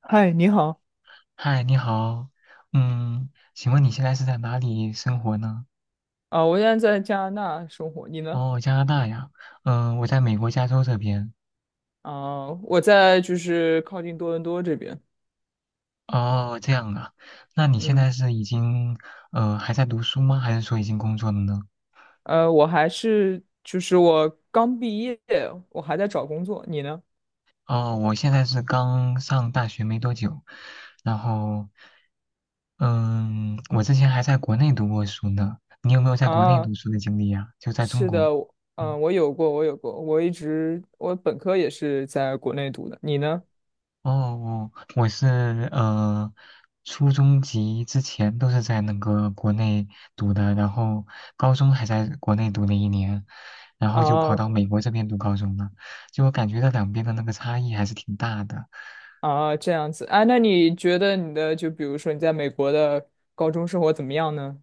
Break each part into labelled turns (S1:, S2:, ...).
S1: 嗨，你好
S2: 嗨，你好，请问你现在是在哪里生活呢？
S1: 啊，我现在在加拿大生活，你呢？
S2: 哦，加拿大呀，我在美国加州这边。
S1: 啊，我在就是靠近多伦多这边，
S2: 哦，这样啊，那你现
S1: 嗯，
S2: 在是已经还在读书吗？还是说已经工作了呢？
S1: 我还是就是我刚毕业，我还在找工作，你呢？
S2: 哦，我现在是刚上大学没多久，然后嗯，我之前还在国内读过书呢。你有没有在国内
S1: 啊，
S2: 读书的经历呀？就在中
S1: 是
S2: 国。
S1: 的，
S2: 嗯。
S1: 嗯，我有过，我一直我本科也是在国内读的，你呢？
S2: 哦，哦我是呃，初中级之前都是在那个国内读的，然后高中还在国内读了一年，然后就跑
S1: 啊
S2: 到美国这边读高中了。就我感觉到两边的那个差异还是挺大的。
S1: 啊，这样子，啊，那你觉得就比如说你在美国的高中生活怎么样呢？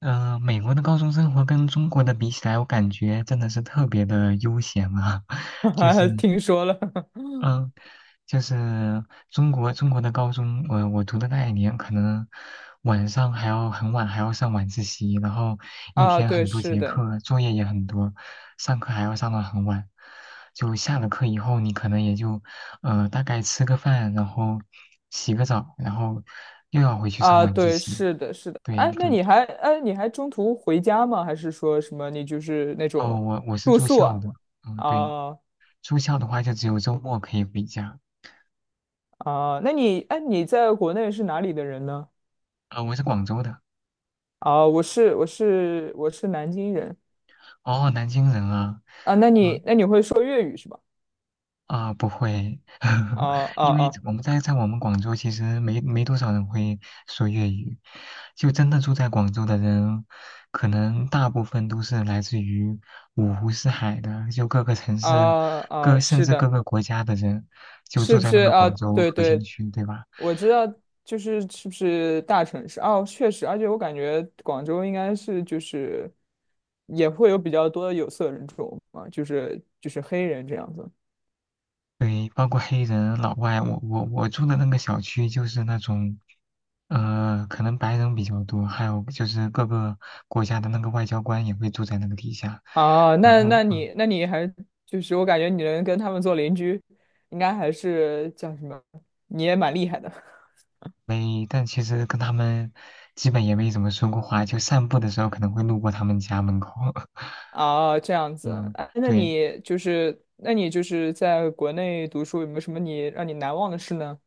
S2: 美国的高中生活跟中国的比起来，我感觉真的是特别的悠闲啊，
S1: 哈
S2: 就是
S1: 哈，听说了
S2: 嗯，就是中国的高中，我读的那一年，可能晚上还要很晚，还要上晚自习，然后一
S1: 啊，
S2: 天
S1: 对，
S2: 很多
S1: 是
S2: 节
S1: 的。
S2: 课，作业也很多，上课还要上到很晚。就下了课以后，你可能也就大概吃个饭，然后洗个澡，然后又要回去上
S1: 啊，
S2: 晚自
S1: 对，
S2: 习。
S1: 是的，是的。
S2: 对
S1: 哎，那
S2: 对，
S1: 你还哎，你还中途回家吗？还是说什么你就是那
S2: 哦，
S1: 种
S2: 我是
S1: 住
S2: 住
S1: 宿啊？
S2: 校的，嗯，对，
S1: 啊
S2: 住校的话就只有周末可以回家。
S1: 啊，那你哎，你在国内是哪里的人呢？
S2: 我是广州的，
S1: 啊，我是南京人
S2: 哦，南京人啊。
S1: 啊。
S2: 嗯，
S1: 那你会说粤语是吧？
S2: 啊，不会，
S1: 啊 啊
S2: 因为
S1: 啊
S2: 我们在我们广州其实没多少人会说粤语，就真的住在广州的人，可能大部分都是来自于五湖四海的，就各个城市、
S1: 啊啊，
S2: 甚
S1: 是
S2: 至各
S1: 的。
S2: 个国家的人，就
S1: 是
S2: 住
S1: 不
S2: 在
S1: 是
S2: 那个
S1: 啊？
S2: 广州
S1: 对
S2: 核心
S1: 对，
S2: 区，对吧？
S1: 我知道，就是是不是大城市哦，确实，而且我感觉广州应该是就是也会有比较多的有色人种嘛，就是黑人这样子
S2: 对，包括黑人、老外，我住的那个小区就是那种，可能白人比较多，还有就是各个国家的那个外交官也会住在那个底下，
S1: 啊。
S2: 然
S1: 那
S2: 后
S1: 那你那你还就是我感觉你能跟他们做邻居，应该还是叫什么？你也蛮厉害的
S2: 没，但其实跟他们基本也没怎么说过话，就散步的时候可能会路过他们家门口，
S1: 啊，这样子。
S2: 嗯，
S1: 哎
S2: 对，
S1: 那你就是在国内读书，有没有什么让你难忘的事呢？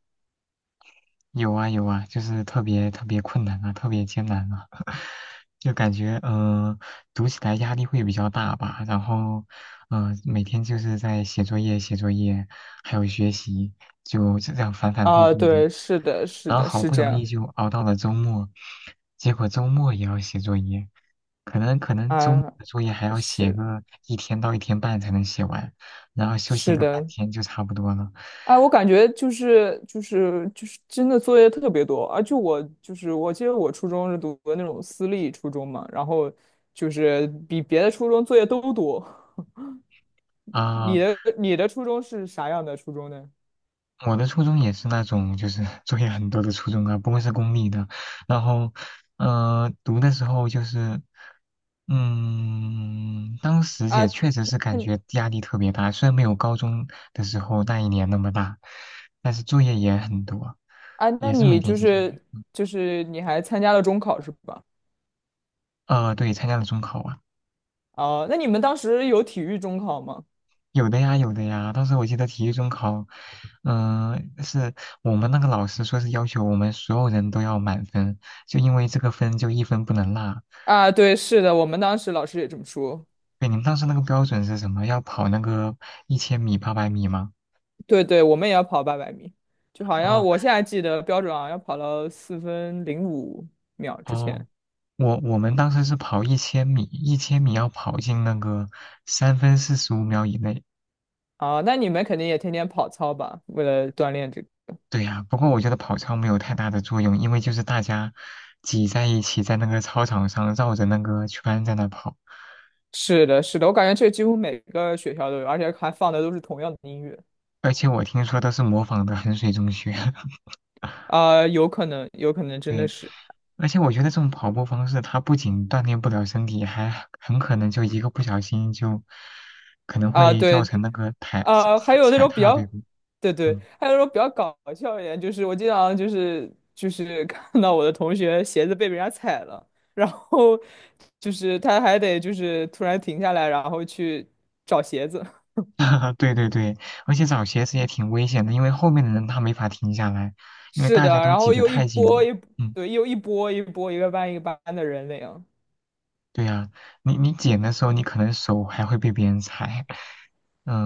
S2: 有啊有啊，就是特别特别困难啊，特别艰难啊，就感觉读起来压力会比较大吧。然后每天就是在写作业、写作业，还有学习，就这样反反复
S1: 啊，
S2: 复的。
S1: 对，是的，是
S2: 然后
S1: 的，
S2: 好
S1: 是
S2: 不
S1: 这
S2: 容易
S1: 样
S2: 就熬到了周末，结果周末也要写作业，可能周末
S1: 啊，
S2: 的作业还要写
S1: 是
S2: 个一天到一天半才能写完，然后休息
S1: 是
S2: 个半
S1: 的，
S2: 天就差不多了。
S1: 哎，我感觉就是真的作业特别多，而且我就是我记得我初中是读的那种私立初中嘛，然后就是比别的初中作业都多。
S2: 啊、
S1: 你的初中是啥样的初中呢？
S2: 我的初中也是那种就是 作业很多的初中啊，不过是公立的。然后，读的时候就是，当时
S1: 啊，
S2: 也确实是感
S1: 那
S2: 觉压力特别大，虽然没有高中的时候那一年那么大，但是作业也很多，
S1: 啊，那
S2: 也是每
S1: 你
S2: 天
S1: 就
S2: 写作
S1: 是
S2: 业。
S1: 就是你还参加了中考是吧？
S2: 对，参加了中考啊，
S1: 哦，那你们当时有体育中考吗？
S2: 有的呀，有的呀。当时我记得体育中考，是我们那个老师说是要求我们所有人都要满分，就因为这个分就一分不能落。
S1: 啊，对，是的，我们当时老师也这么说。
S2: 对，你们当时那个标准是什么？要跑那个一千米、800米吗？
S1: 对对，我们也要跑800米，就好像
S2: 哦
S1: 我现在记得标准好像要跑到4分05秒之前
S2: 哦，我们当时是跑一千米，一千米要跑进那个三分四十五秒以内。
S1: 啊。那你们肯定也天天跑操吧？为了锻炼这个。
S2: 对呀，不过我觉得跑操没有太大的作用，因为就是大家挤在一起，在那个操场上绕着那个圈在那跑，
S1: 是的，是的，我感觉这几乎每个学校都有，而且还放的都是同样的音乐
S2: 而且我听说都是模仿的衡水中学。
S1: 啊，有可能，有可能真的
S2: 对，
S1: 是
S2: 而且我觉得这种跑步方式，它不仅锻炼不了身体，还很可能就一个不小心就可能
S1: 啊，
S2: 会造
S1: 对，
S2: 成那个踩
S1: 还
S2: 踩
S1: 有那
S2: 踩
S1: 种比
S2: 踏，对
S1: 较，
S2: 不？
S1: 对对，
S2: 嗯，
S1: 还有那种比较搞笑一点，就是我经常就是看到我的同学鞋子被别人家踩了，然后就是他还得就是突然停下来，然后去找鞋子。
S2: 对对对，而且找鞋子也挺危险的，因为后面的人他没法停下来，因为
S1: 是
S2: 大
S1: 的，
S2: 家都
S1: 然
S2: 挤
S1: 后
S2: 得
S1: 又一
S2: 太紧
S1: 波
S2: 了。
S1: 一，
S2: 嗯，
S1: 对，又一波一波一个班一个班的人那样
S2: 对呀，你捡的时候，你可能手还会被别人踩，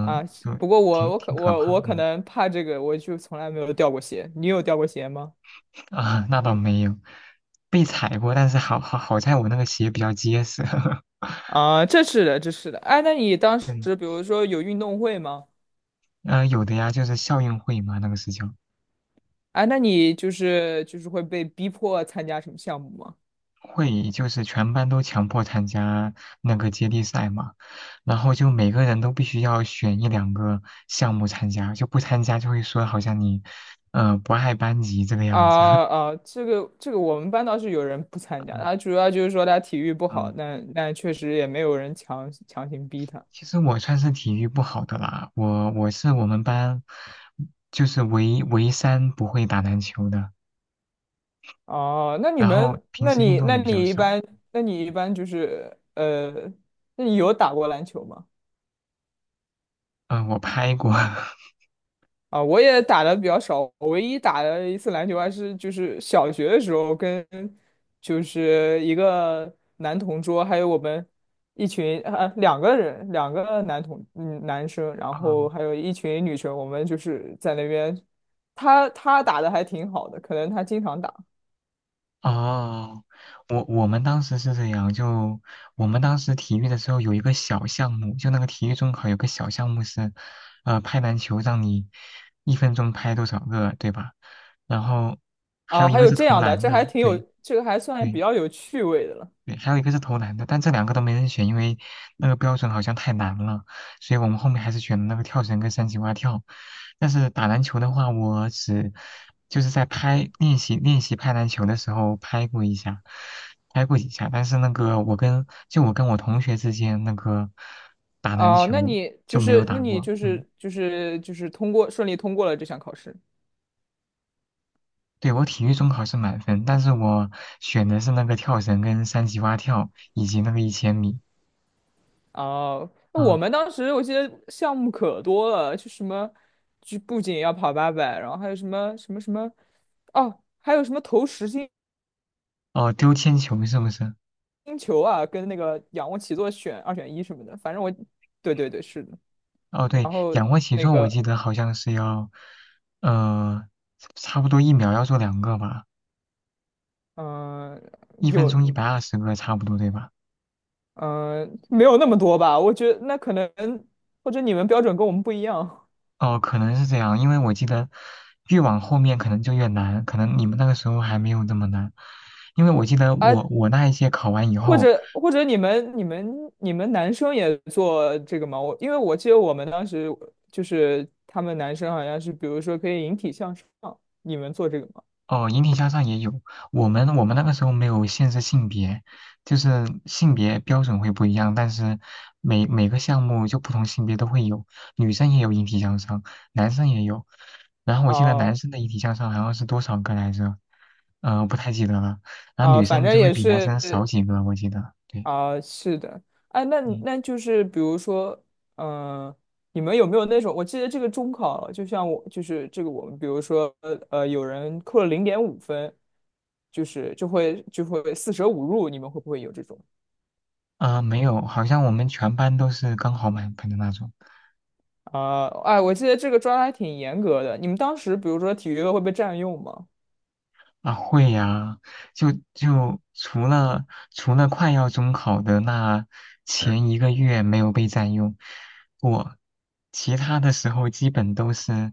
S1: 啊。是
S2: 就
S1: 不过我
S2: 挺
S1: 我
S2: 挺
S1: 可
S2: 可
S1: 我我
S2: 怕。
S1: 可
S2: 嗯。
S1: 能怕这个，我就从来没有掉过鞋。你有掉过鞋吗？
S2: 啊，那倒没有，被踩过，但是好在我那个鞋比较结实。
S1: 啊，这是的，这是的。哎，那你当时
S2: 嗯，
S1: 比如说有运动会吗？
S2: 有的呀，就是校运会嘛，那个是叫
S1: 哎，那你就是会被逼迫参加什么项目吗？
S2: 会，就是全班都强迫参加那个接力赛嘛，然后就每个人都必须要选一两个项目参加，就不参加就会说好像你，不爱班级这个样子。
S1: 啊啊，这个我们班倒是有人不参 加，
S2: 嗯，
S1: 他主要就是说他体育不好，
S2: 嗯
S1: 但确实也没有人强行逼他。
S2: 其实我算是体育不好的啦，我是我们班就是唯三不会打篮球的。
S1: 哦，那你
S2: 然后
S1: 们，
S2: 平
S1: 那
S2: 时运
S1: 你
S2: 动
S1: 那
S2: 也比较
S1: 你一
S2: 少。
S1: 般，那你一般就是呃，那你有打过篮球吗？
S2: 嗯，我拍过。
S1: 啊，我也打的比较少，我唯一打的一次篮球还是就是小学的时候跟就是一个男同桌，还有我们一群啊两个人，两个男同嗯男生，然后
S2: 哦
S1: 还有一群女生，我们就是在那边，他打的还挺好的，可能他经常打
S2: 哦，我们当时是这样，就我们当时体育的时候有一个小项目，就那个体育中考有个小项目是，拍篮球，让你一分钟拍多少个，对吧？然后还有
S1: 啊，
S2: 一
S1: 还
S2: 个
S1: 有
S2: 是
S1: 这
S2: 投
S1: 样的，
S2: 篮
S1: 这
S2: 的，
S1: 还挺有，
S2: 对
S1: 这个还算比
S2: 对。
S1: 较有趣味的了
S2: 对，还有一个是投篮的，但这两个都没人选，因为那个标准好像太难了，所以我们后面还是选了那个跳绳跟三级蛙跳。但是打篮球的话，我只就是在拍练习练习拍篮球的时候拍过一下，拍过几下。但是那个我跟我同学之间那个打篮
S1: 啊，那
S2: 球
S1: 你
S2: 就
S1: 就
S2: 没有
S1: 是那
S2: 打
S1: 你
S2: 过。
S1: 就
S2: 嗯，
S1: 是就是就是通过顺利通过了这项考试。
S2: 对，我体育中考是满分，但是我选的是那个跳绳跟三级蛙跳以及那个一千米。
S1: 哦，那我
S2: 嗯，
S1: 们当时我记得项目可多了，就什么，就不仅要跑八百，然后还有什么什么什么，哦，还有什么投实心
S2: 哦，丢铅球是不是？
S1: 球啊，跟那个仰卧起坐选二选一什么的，反正我，对对对，是的。
S2: 哦，对，
S1: 然后
S2: 仰卧起
S1: 那
S2: 坐我
S1: 个，
S2: 记得好像是要，呃，差不多一秒要做两个吧，
S1: 嗯、
S2: 一分
S1: 有，
S2: 钟120个差不多对吧？
S1: 嗯、没有那么多吧？我觉得那可能或者你们标准跟我们不一样。
S2: 哦，可能是这样，因为我记得越往后面可能就越难，可能你们那个时候还没有这么难，因为我记得
S1: 啊。
S2: 我那一届考完以后，
S1: 或者你们男生也做这个吗？我因为我记得我们当时就是他们男生好像是，比如说可以引体向上，你们做这个吗？
S2: 哦，引体向上也有。我们那个时候没有限制性别，就是性别标准会不一样，但是每个项目就不同性别都会有，女生也有引体向上，男生也有。然后我记得男
S1: 啊
S2: 生的引体向上好像是多少个来着？不太记得了。然后
S1: 啊，
S2: 女
S1: 反
S2: 生的
S1: 正
S2: 就会
S1: 也
S2: 比男
S1: 是
S2: 生少几个，我记得。对，
S1: 啊，是的。哎，
S2: 嗯，
S1: 那就是比如说，嗯、你们有没有那种？我记得这个中考，就像我就是这个我们，比如说有人扣了0.5分，就是就会四舍五入，你们会不会有这种？
S2: 没有，好像我们全班都是刚好满分的那种。
S1: 啊，哎，我记得这个抓的还挺严格的。你们当时，比如说体育课会被占用吗？
S2: 啊，会呀，就除了快要中考的那前一个月没有被占用过，我其他的时候基本都是，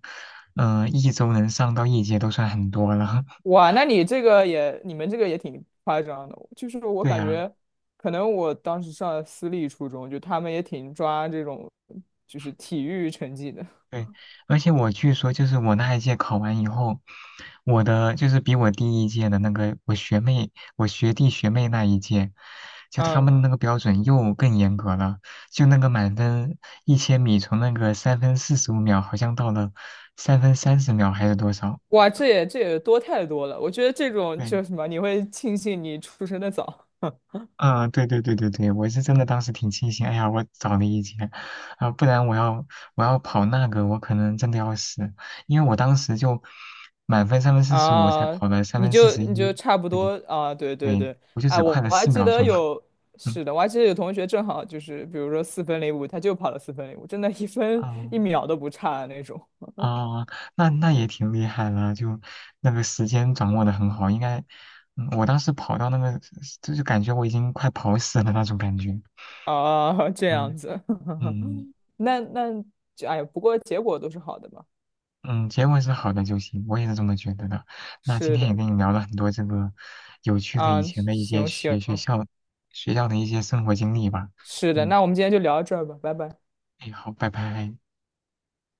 S2: 一周能上到一节都算很多了。
S1: 哇，那你这个也，你们这个也挺夸张的。就是我
S2: 对
S1: 感
S2: 呀。
S1: 觉，可能我当时上的私立初中，就他们也挺抓这种，就是体育成绩的。
S2: 对，而且我据说就是我那一届考完以后，我的就是比我第一届的那个我学妹、我学弟学妹那一届，就他
S1: 嗯，
S2: 们那个标准又更严格了，就那个满分一千米从那个三分四十五秒好像到了3分30秒还是多少？
S1: 哇，这也多太多了。我觉得这种就
S2: 对，
S1: 是什么，你会庆幸你出生的早。
S2: 啊，对对对对对，我是真的当时挺庆幸，哎呀，我早了一截，啊、不然我要跑那个，我可能真的要死，因为我当时就满分三分四十五才
S1: 啊，
S2: 跑了三分四十
S1: 你就
S2: 一，
S1: 差不多
S2: 对
S1: 啊，对对
S2: 对，
S1: 对，
S2: 我就
S1: 哎，
S2: 只快了
S1: 我还
S2: 四
S1: 记
S2: 秒
S1: 得
S2: 钟，
S1: 有，是的，我还记得有同学正好就是，比如说四分零五，他就跑了四分零五，真的一
S2: 嗯
S1: 分一
S2: 啊，
S1: 秒都不差的那种
S2: 哦，那也挺厉害了，就那个时间掌握的很好，应该，我当时跑到那个，就是感觉我已经快跑死了那种感觉，
S1: 啊，这样
S2: 嗯
S1: 子，
S2: 嗯。
S1: 那就哎呀，不过结果都是好的吧？
S2: 嗯，结果是好的就行，我也是这么觉得的。那今
S1: 是
S2: 天也
S1: 的
S2: 跟你聊了很多这个有趣的
S1: 啊，
S2: 以前的一些
S1: 行
S2: 学
S1: 行，
S2: 学校学校的一些生活经历吧。
S1: 是的，
S2: 嗯，
S1: 那我们今天就聊到这儿吧，拜拜。
S2: 哎，好，拜拜。